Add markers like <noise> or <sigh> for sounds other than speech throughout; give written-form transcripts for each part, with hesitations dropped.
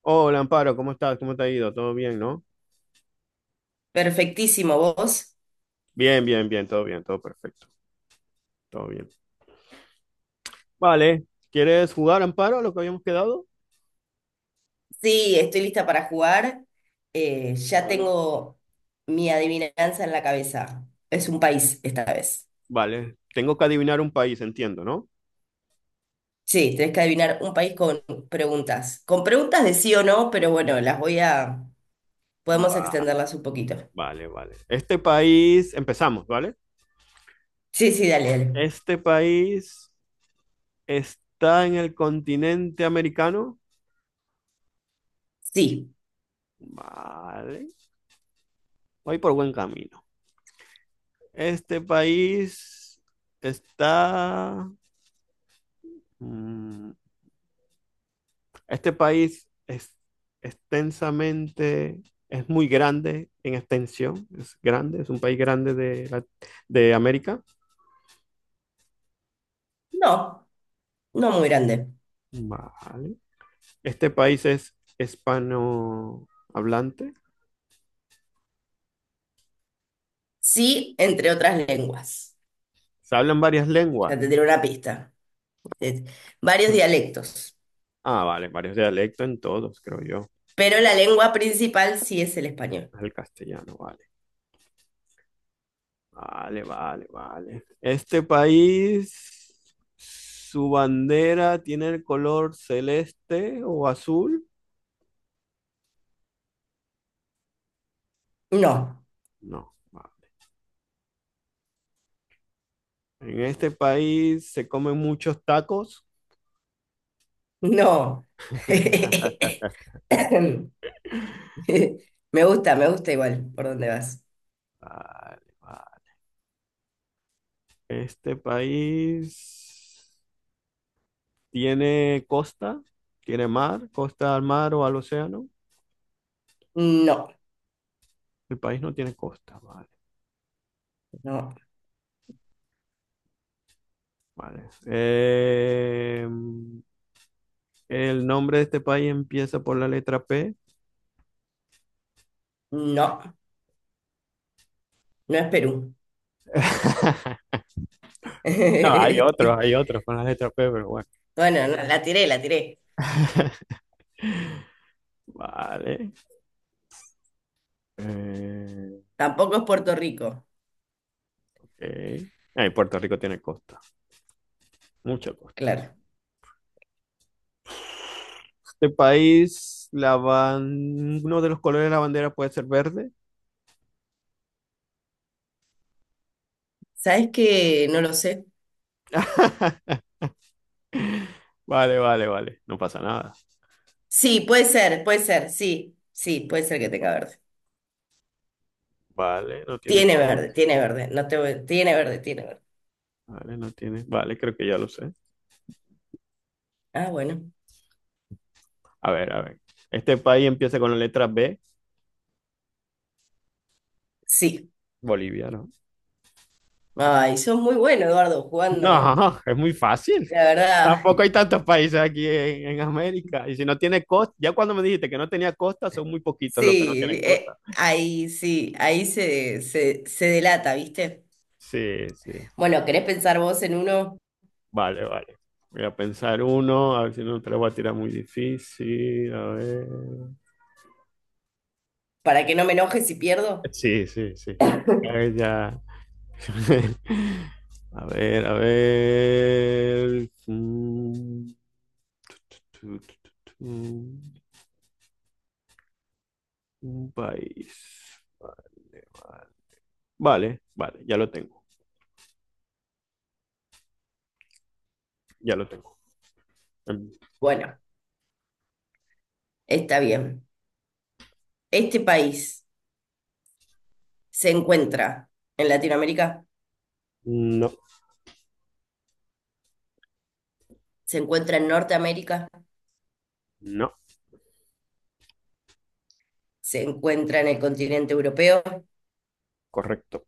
Hola, Amparo, ¿cómo estás? ¿Cómo te ha ido? ¿Todo bien, no? Perfectísimo, vos. Bien, bien, bien, todo perfecto, todo bien. Vale, ¿quieres jugar, Amparo, a lo que habíamos quedado? Sí, estoy lista para jugar. Ya Vale. tengo mi adivinanza en la cabeza. Es un país esta vez. Vale, tengo que adivinar un país, entiendo, ¿no? Sí, tenés que adivinar un país con preguntas. Con preguntas de sí o no, pero bueno, las voy a... Podemos Va, extenderlas un poquito. vale, vale. Este país, empezamos, ¿vale? Sí, sí, dale, dale. Este país está en el continente americano. Sí. Vale, voy por buen camino. Este país está... mm, Este país es extensamente, es muy grande en extensión, es grande, es un país grande de América. No, no muy grande. Vale. Este país es hispanohablante. Sí, entre otras lenguas. Se hablan varias Ya lenguas. te diré una pista. Es varios <laughs> dialectos. Ah, vale, varios dialectos en todos, creo yo. Pero la lengua principal sí es el español. Es el castellano, vale. Vale, vale, vale. Este país, su bandera tiene el color celeste o azul. No. No, vale. En este país se comen muchos tacos. No. <laughs> Me gusta igual por dónde vas. Vale, vale. Este país tiene costa, tiene mar, costa al mar o al océano. No, El país no tiene costa, vale, no, vale. El nombre de este país empieza por la letra P. no, no es Perú. <laughs> No, <laughs> hay otros con la letra P, pero bueno. Bueno, no, la tiré, la tiré. <laughs> Vale. Eh, Tampoco es Puerto Rico, ok. Puerto Rico tiene costa, mucha costa. claro. De país, uno de los colores de la bandera puede ser verde. ¿Sabes qué? No lo sé. <laughs> Vale, vale, vale. No pasa nada. Sí, puede ser, sí, sí, puede ser que tenga verde. Vale, no tiene Tiene verde, costa. tiene verde, no te voy- tiene verde, tiene verde. Vale, no tiene. Vale, creo que ya lo sé. Ah, bueno, A ver, a ver. Este país empieza con la letra B. sí. Bolivia, ¿no? Ay, sos muy bueno, Eduardo, No, jugando. <laughs> es muy fácil. La verdad. Tampoco hay tantos países aquí en América. Y si no tiene costa, ya cuando me dijiste que no tenía costa, son muy poquitos los que no Sí, tienen costa. ahí sí, ahí se delata, ¿viste? Sí, sí. Bueno, ¿querés pensar vos en uno Vale, vale. Voy a pensar uno, a ver si no te lo voy a tirar muy difícil. A ver. para que no me enoje si pierdo? Sí, sí, sí. A <laughs> ver, ya. <laughs> A ver, a ver. Tu, tu, tu, tu. Un país. Vale, vale. Vale, ya lo tengo, ya lo tengo. Em, Bueno, está bien. Este país se encuentra en Latinoamérica, No, se encuentra en Norteamérica, no, se encuentra en el continente europeo. correcto.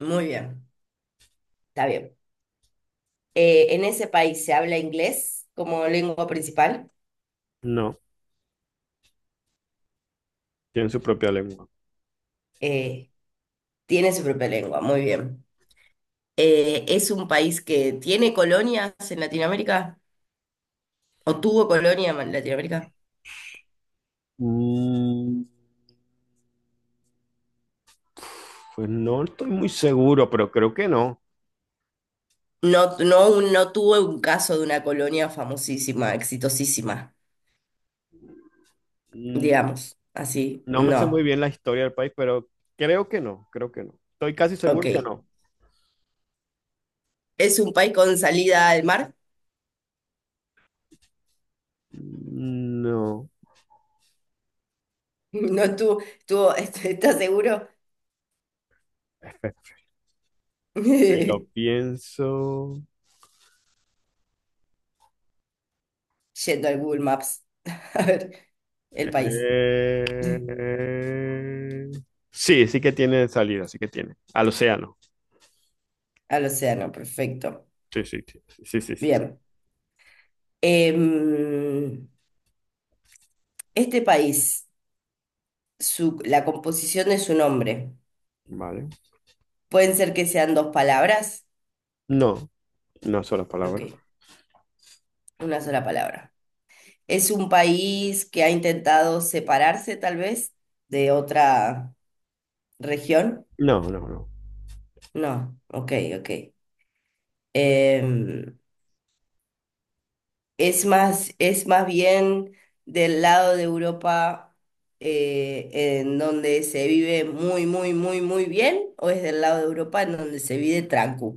Muy bien, está bien. En ese país se habla inglés como lengua principal. No, tienen su propia lengua. Eh, Tiene su propia lengua, muy bien. ¿Es un país que tiene colonias en Latinoamérica? ¿O tuvo colonia en Latinoamérica? Mm, Pues no estoy muy seguro, pero creo que no. No, no, no tuvo un caso de una colonia famosísima, exitosísima, digamos, así, No me sé muy no, bien la historia del país, pero creo que no, creo que no. Estoy casi seguro que ok. no. ¿Es un país con salida al mar? No. <laughs> No tuvo, tuvo, <laughs> ¿estás seguro? <laughs> <laughs> Ahí lo Yendo pienso. al Google Maps, <laughs> a ver, el país, <laughs> Eh, Sí, sí que tiene salida, sí que tiene. Al océano. al océano, perfecto, Sí, sí, sí, sí, sí, sí. bien. Em, este país su, la composición de su nombre. Vale. Pueden ser que sean dos palabras. No, no es sola Ok, palabra. una sola palabra. Es un país que ha intentado separarse tal vez de otra región. No, no, no. No, ok, ok. Em, es más, es más bien del lado de Europa eh, en donde se vive muy, muy, muy, muy bien, o es del lado de Europa en donde se vive tranquilo.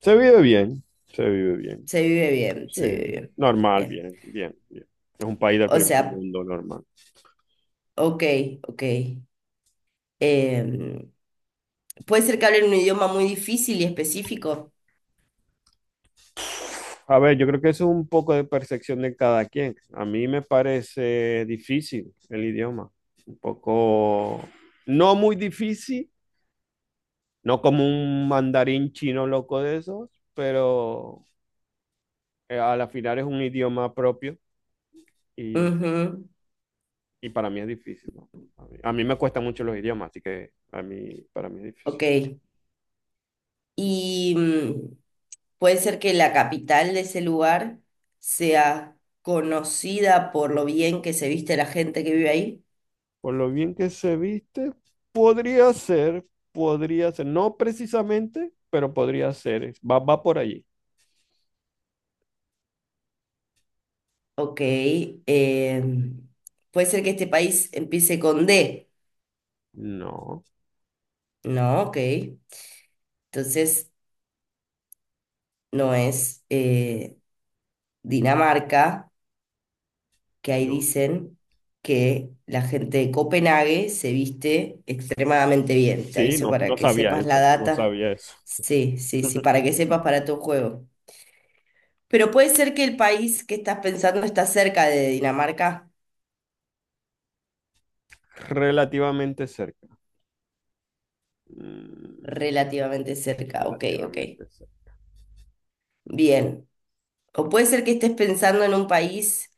Se vive bien, se vive bien. Se vive bien, Sí, se vive bien. normal, Bien. bien, bien, bien. Es un país del O primer sea, mundo normal. ok, ok. Em, Puede ser que hablen un idioma muy difícil y específico. A ver, yo creo que eso es un poco de percepción de cada quien. A mí me parece difícil el idioma, un poco, no muy difícil, no como un mandarín chino loco de esos, pero a la final es un idioma propio y, Ujú, y para mí es difícil, ¿no? A mí me cuestan mucho los idiomas, así que a mí, para mí es ok. difícil. Y puede ser que la capital de ese lugar sea conocida por lo bien que se viste la gente que vive ahí. Por lo bien que se viste, podría ser, podría ser, no precisamente, pero podría ser, va, va por allí. Ok, em, puede ser que este país empiece con D. No. No, ok. Entonces no es Dinamarca. Que ahí No. dicen que la gente de Copenhague se viste extremadamente bien. Te Sí, aviso no, para no que sabía sepas la eso, no data. sabía eso. Sí, sí, sí, para que <laughs> sepas para tu juego. Pero puede ser que el país que estás pensando está cerca de Dinamarca, Relativamente cerca. Mm, relativamente cerca. Ok, ok. relativamente cerca. Bien. O puede ser que estés pensando en un país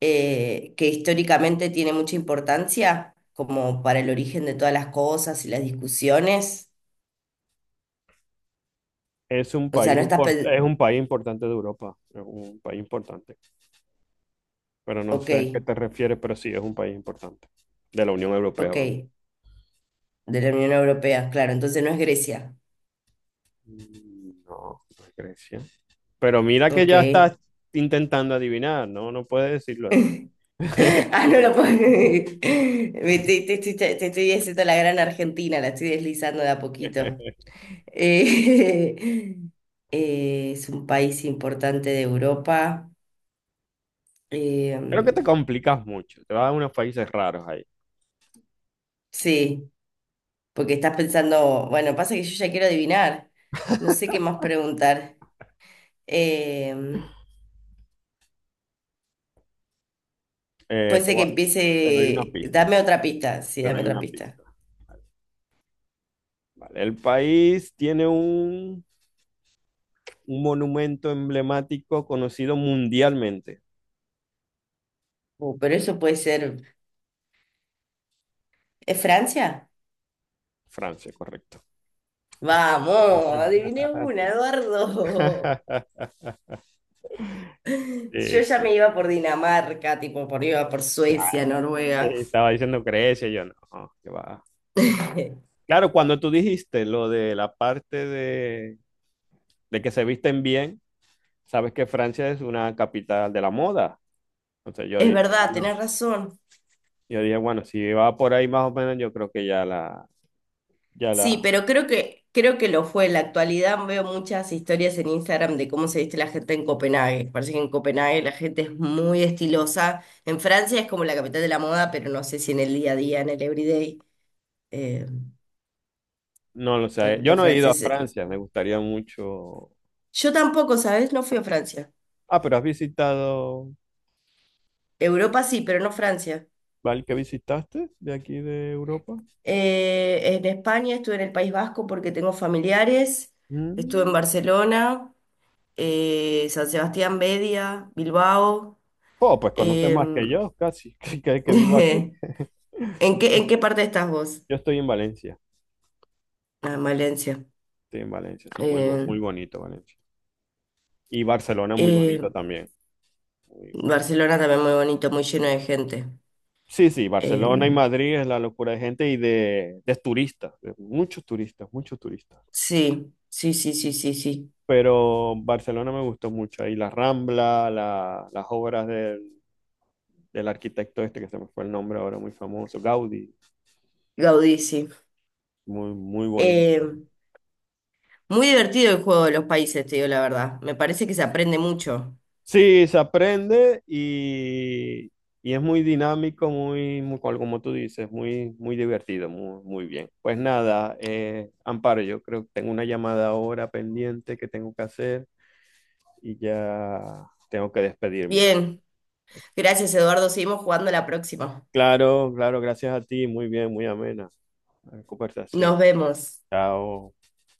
que históricamente tiene mucha importancia, como para el origen de todas las cosas y las discusiones. O sea, no estás pensando... Es un país importante de Europa, es un país importante, pero no Ok, sé a qué te refieres, pero sí es un país importante de la Unión Europea, ok, vamos. de la Unión Europea, claro, entonces no es Grecia. No, no es Grecia. Pero mira que Ok. ya estás intentando adivinar, no, no puedes decirlo así. <laughs> Ah, no lo <laughs> puedo. <laughs> Te, te estoy haciendo la gran Argentina, la estoy deslizando de a poquito. Eh, <laughs> es un país importante de Europa. Eh, Creo que te complicas mucho, te vas a unos países raros ahí. sí, porque estás pensando, bueno, pasa que yo ya quiero adivinar. No sé qué más preguntar. Eh, Eh, Puede te ser que voy a- te doy una empiece. pista. Dame otra pista, sí, Pero dame hay otra una pista. pista. Vale. Vale, el país tiene un monumento emblemático conocido mundialmente. Pero eso puede ser. ¿Es Francia? Francia, correcto. Vamos, adiviné una, Eduardo. <laughs> <laughs> Sí, Yo ya me sí. iba por Dinamarca, tipo, por iba por Ya, Suecia, sí, Noruega. estaba diciendo Grecia, yo no, que va. <laughs> Claro, cuando tú dijiste lo de la parte de que se visten bien, sabes que Francia es una capital de la moda. Entonces yo Es dije, verdad, bueno, tenés razón. yo dije, bueno, si va por ahí más o menos, yo creo que ya Sí, la, pero creo que lo fue. En la actualidad veo muchas historias en Instagram de cómo se viste la gente en Copenhague. Parece que en Copenhague la gente es muy estilosa. En Francia es como la capital de la moda, pero no sé si en el día a día, en el everyday, eh, no lo sé. Yo los no he ido a franceses. Francia, me gustaría mucho. Yo tampoco, ¿sabes? No fui a Francia. Ah, pero has visitado, Europa sí, pero no Francia. ¿vale? ¿Qué visitaste de aquí de Europa? En España estuve en el País Vasco porque tengo familiares. Estuve en Mm. Barcelona, San Sebastián, Media, Bilbao. Oh, pues conoces más que em, yo, casi, <laughs> que vivo aquí. <laughs> En qué parte estás vos? Yo estoy en Valencia, Ah, en Valencia. estoy en Valencia, sí, Eh, muy bonito Valencia. Y Barcelona muy eh, bonito también. Muy- Barcelona también muy bonito, muy lleno de gente. Sí, sí, Barcelona y Em, Madrid es la locura de gente y de turistas, de muchos turistas, muchos turistas. sí, sí, sí, sí, sí, sí. Pero Barcelona me gustó mucho, ahí la Rambla, las obras de del arquitecto este que se me fue el nombre ahora, muy famoso, Gaudí, Gaudí, sí. muy, muy bonito. Em, Muy divertido el juego de los países, te digo la verdad. Me parece que se aprende mucho. Sí, se aprende y es muy dinámico, muy, muy, como tú dices, muy, muy divertido, muy, muy bien. Pues nada, Amparo, yo creo que tengo una llamada ahora pendiente que tengo que hacer y ya tengo que despedirme. Bien, gracias Eduardo. Seguimos jugando la próxima. Claro, claro, gracias a ti, muy bien, muy amena la conversación. Nos vemos. Chao.